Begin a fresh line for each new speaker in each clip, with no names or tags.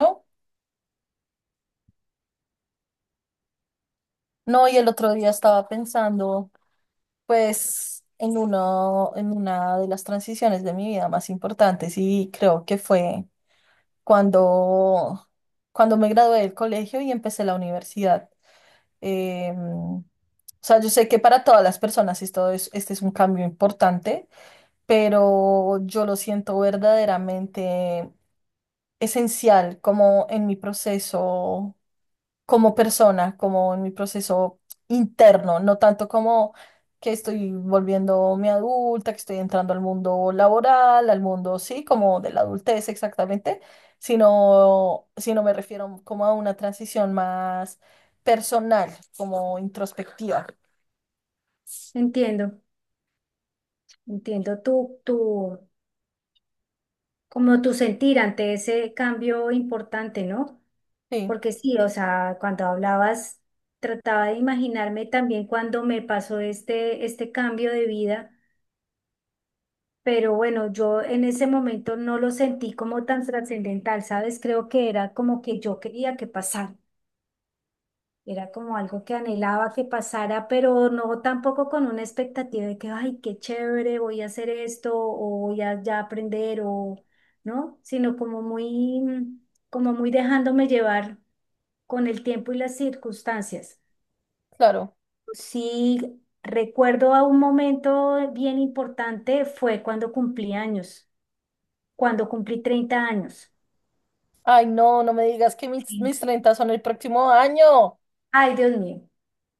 No, y el otro día estaba pensando, pues, en uno, en una de las transiciones de mi vida más importantes y creo que fue cuando, cuando me gradué del colegio y empecé la universidad. Em, o sea, yo sé que para todas las personas este es un cambio importante, pero yo lo siento verdaderamente esencial como en mi proceso, como persona, como en mi proceso interno, no tanto como que estoy volviéndome adulta, que estoy entrando al mundo laboral, al mundo, sí, como de la adultez exactamente, sino me refiero como a una transición más personal, como introspectiva.
Entiendo, entiendo como tu sentir ante ese cambio importante, ¿no?
Sí,
Porque sí, o sea, cuando hablabas, trataba de imaginarme también cuando me pasó este cambio de vida, pero bueno, yo en ese momento no lo sentí como tan trascendental, ¿sabes? Creo que era como que yo quería que pasara. Era como algo que anhelaba que pasara, pero no tampoco con una expectativa de que, ay, qué chévere, voy a hacer esto o voy a ya aprender o, ¿no? Sino como muy, como muy dejándome llevar con el tiempo y las circunstancias.
claro.
Sí, recuerdo a un momento bien importante fue cuando cumplí años, cuando cumplí 30 años.
Ay, no, no me digas que
Sí.
mis 30 son el próximo año.
Ay, Dios mío.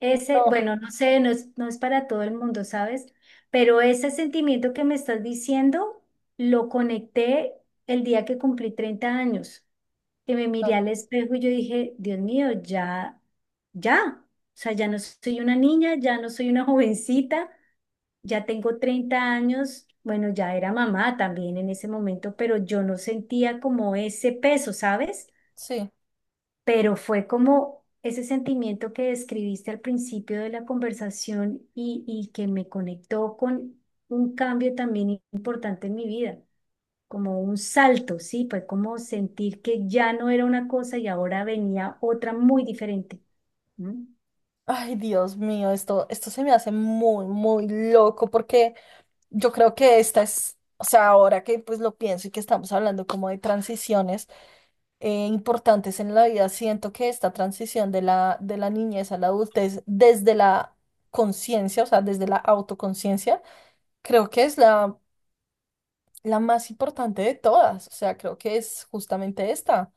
Ese,
No,
bueno, no sé, no es para todo el mundo, ¿sabes? Pero ese sentimiento que me estás diciendo lo conecté el día que cumplí 30 años, que me miré
claro,
al espejo y yo dije, Dios mío, ya, ya, o sea, ya no soy una niña, ya no soy una jovencita, ya tengo 30 años, bueno, ya era mamá también en ese momento, pero yo no sentía como ese peso, ¿sabes?
sí.
Pero fue como ese sentimiento que describiste al principio de la conversación y que me conectó con un cambio también importante en mi vida, como un salto, ¿sí? Fue como sentir que ya no era una cosa y ahora venía otra muy diferente. ¿No?
Ay, Dios mío, esto se me hace muy, muy loco porque yo creo que esta es, o sea, ahora que pues lo pienso y que estamos hablando como de transiciones, importantes en la vida, siento que esta transición de de la niñez a la adultez desde la conciencia, o sea, desde la autoconciencia, creo que es la más importante de todas, o sea, creo que es justamente esta,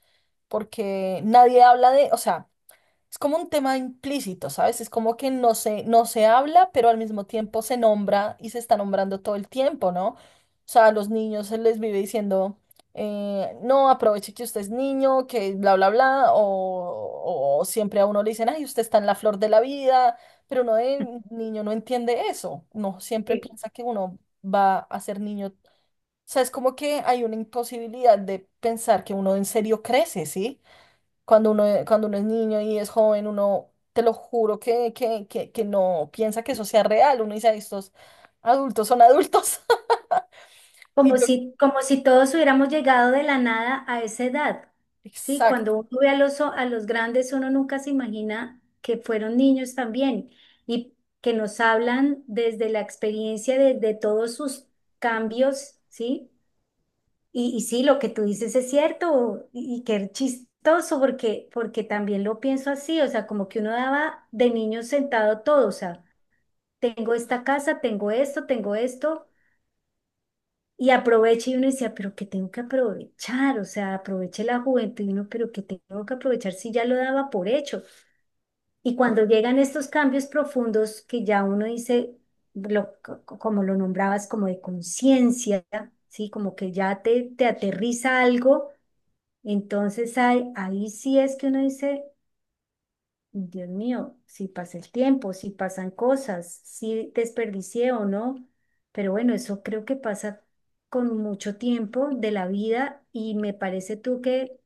porque nadie habla de, o sea, es como un tema implícito, ¿sabes? Es como que no se habla, pero al mismo tiempo se nombra y se está nombrando todo el tiempo, ¿no? O sea, a los niños se les vive diciendo, no, aproveche que usted es niño, que bla, bla, bla, o siempre a uno le dicen, ay, usted está en la flor de la vida, pero uno de niño no entiende eso, no siempre
Sí.
piensa que uno va a ser niño. O sea, es como que hay una imposibilidad de pensar que uno en serio crece, ¿sí? Cuando uno es niño y es joven, uno, te lo juro que no piensa que eso sea real. Uno dice, "Ay, estos adultos son adultos." Y yo,
Como si todos hubiéramos llegado de la nada a esa edad, ¿sí?
exacto,
Cuando uno ve a los, a los grandes, uno nunca se imagina que fueron niños también y que nos hablan desde la experiencia de todos sus cambios, ¿sí? Y sí, lo que tú dices es cierto y qué chistoso porque, porque también lo pienso así, o sea, como que uno daba de niño sentado todo, o sea, tengo esta casa, tengo esto, tengo esto. Y aproveche y uno decía, pero ¿qué tengo que aprovechar? O sea, aproveche la juventud y uno, pero ¿qué tengo que aprovechar si ya lo daba por hecho? Y cuando llegan estos cambios profundos que ya uno dice, como lo nombrabas, como de conciencia, ¿sí? Como que ya te aterriza algo, entonces ahí sí es que uno dice, Dios mío, si pasa el tiempo, si pasan cosas, si desperdicié o no, pero bueno, eso creo que pasa con mucho tiempo de la vida y me parece tú que,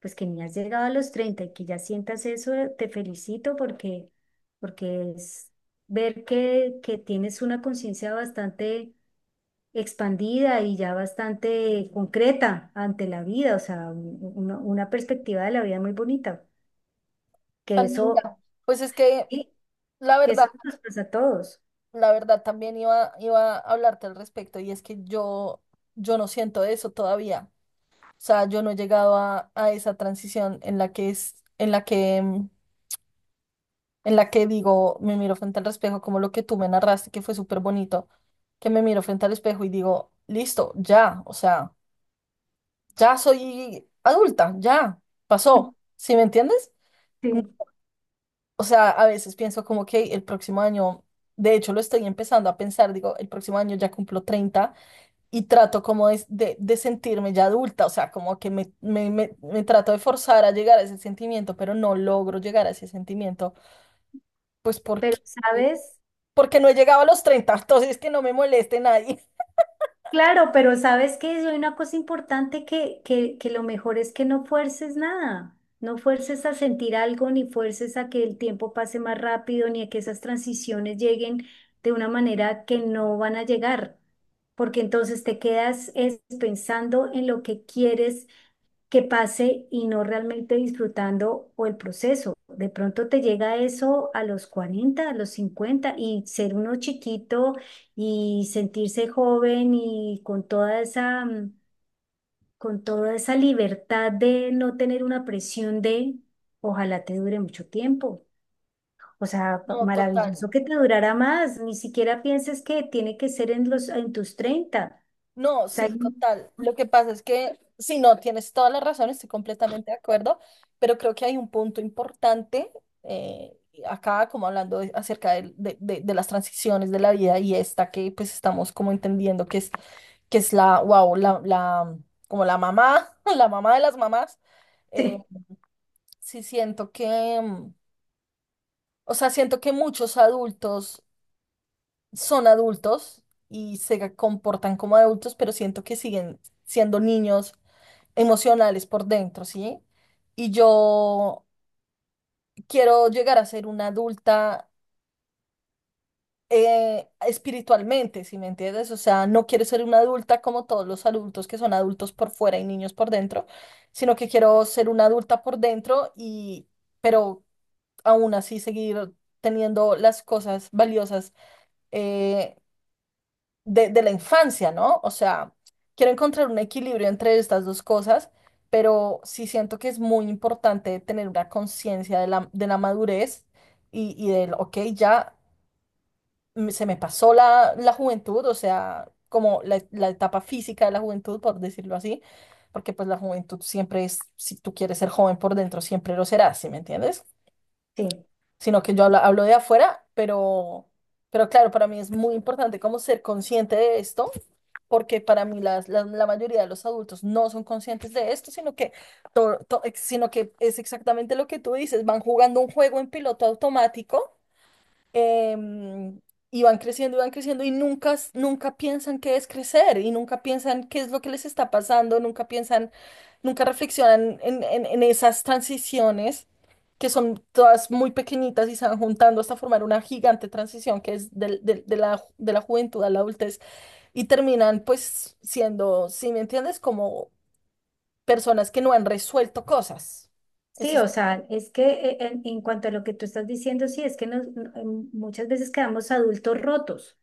pues que ni has llegado a los 30 y que ya sientas eso, te felicito porque, porque es ver que tienes una conciencia bastante expandida y ya bastante concreta ante la vida, o sea, una perspectiva de la vida muy bonita, que
tan
eso...
linda. Pues es que
Sí,
la
que
verdad,
eso nos pasa a todos.
la verdad también iba a hablarte al respecto y es que yo no siento eso todavía. O sea, yo no he llegado a esa transición en en la que en la que digo, me miro frente al espejo, como lo que tú me narraste, que fue súper bonito, que me miro frente al espejo y digo, listo, ya, o sea, ya soy adulta, ya, pasó, ¿sí me entiendes? No,
Sí.
o sea, a veces pienso como que el próximo año, de hecho lo estoy empezando a pensar, digo, el próximo año ya cumplo 30 y trato como de sentirme ya adulta, o sea, como que me trato de forzar a llegar a ese sentimiento, pero no logro llegar a ese sentimiento, pues
Pero sabes,
porque no he llegado a los 30, entonces que no me moleste nadie.
claro, pero sabes que hay una cosa importante que lo mejor es que no fuerces nada, no fuerces a sentir algo, ni fuerces a que el tiempo pase más rápido, ni a que esas transiciones lleguen de una manera que no van a llegar, porque entonces te quedas es, pensando en lo que quieres que pase y no realmente disfrutando o el proceso. De pronto te llega eso a los 40 a los 50 y ser uno chiquito y sentirse joven y con toda esa, con toda esa libertad de no tener una presión de ojalá te dure mucho tiempo. O sea,
No, total.
maravilloso que te durara más. Ni siquiera pienses que tiene que ser en los, en tus 30.
No,
O
sí,
sea,
total. Lo que pasa es que, si no, tienes toda la razón, estoy completamente de acuerdo, pero creo que hay un punto importante, eh, acá, como hablando de- acerca de las transiciones de la vida y esta que pues estamos como entendiendo que es la, wow, la como la mamá, la mamá de las mamás. eh,
sí,
sí siento que, o sea, siento que muchos adultos son adultos y se comportan como adultos, pero siento que siguen siendo niños emocionales por dentro, ¿sí? Y yo quiero llegar a ser una adulta, espiritualmente, ¿si me entiendes? O sea, no quiero ser una adulta como todos los adultos que son adultos por fuera y niños por dentro, sino que quiero ser una adulta por dentro y, pero aún así seguir teniendo las cosas valiosas eh, de la infancia, ¿no? O sea, quiero encontrar un equilibrio entre estas dos cosas, pero sí siento que es muy importante tener una conciencia de de la madurez y del, ok, ya se me pasó la juventud, o sea, como la etapa física de la juventud, por decirlo así, porque pues la juventud siempre es, si tú quieres ser joven por dentro, siempre lo serás, ¿sí me entiendes?
sí.
Sino que yo hablo, hablo de afuera, pero... Pero claro, para mí es muy importante como ser consciente de esto porque para mí la mayoría de los adultos no son conscientes de esto, sino que sino que es exactamente lo que tú dices, van jugando un juego en piloto automático, em, y van creciendo y van creciendo y nunca piensan qué es crecer y nunca piensan qué es lo que les está pasando, nunca piensan, nunca reflexionan en esas transiciones que son todas muy pequeñitas y se van juntando hasta formar una gigante transición que es de la juventud a la adultez y terminan pues siendo, si me entiendes, como personas que no han resuelto cosas.
Sí,
Eso es.
o sea, es que en cuanto a lo que tú estás diciendo, sí, es que muchas veces quedamos adultos rotos,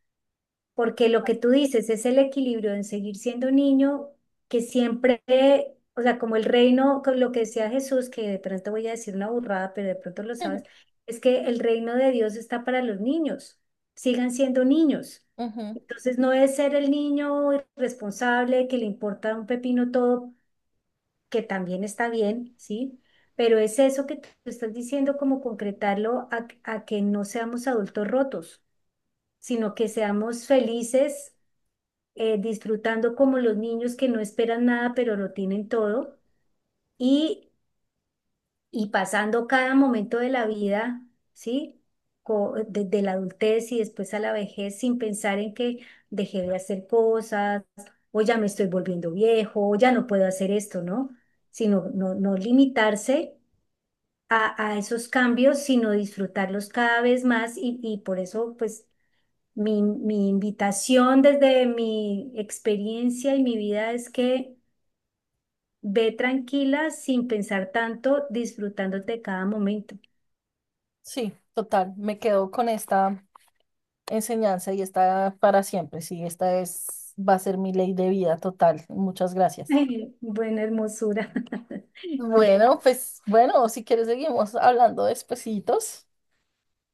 porque lo que tú dices es el equilibrio en seguir siendo niño, que siempre, o sea, como el reino, con lo que decía Jesús, que de pronto voy a decir una burrada, pero de pronto lo sabes,
Ujú,
es que el reino de Dios está para los niños, sigan siendo niños.
ujú.
Entonces no es ser el niño irresponsable que le importa un pepino todo que también está bien, ¿sí? Pero es eso que tú estás diciendo, como concretarlo a que no seamos adultos rotos, sino que seamos felices, disfrutando como los niños que no esperan nada, pero lo tienen todo, y, y pasando cada momento de la vida, ¿sí? Desde la adultez y después a la vejez, sin pensar en que dejé de hacer cosas, o ya me estoy volviendo viejo, o ya no puedo hacer esto, ¿no? Sino no, no limitarse a esos cambios, sino disfrutarlos cada vez más y por eso, pues, mi invitación desde mi experiencia y mi vida es que ve tranquila sin pensar tanto, disfrutándote cada momento.
Sí, total, me quedo con esta enseñanza y está para siempre. Sí, esta es, va a ser mi ley de vida total. Muchas gracias.
Buena hermosura.
Bueno, pues bueno, si quieres seguimos hablando despesitos.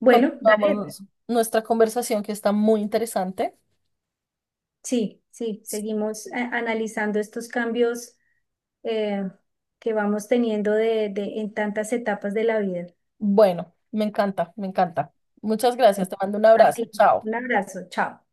Bueno, dale.
Continuamos nuestra conversación que está muy interesante.
Sí, sí, seguimos analizando estos cambios eh, que vamos teniendo en tantas etapas de la vida.
Bueno, me encanta, me encanta. Muchas gracias,
Bueno,
te mando un
a
abrazo.
ti,
Chao.
un abrazo, chao.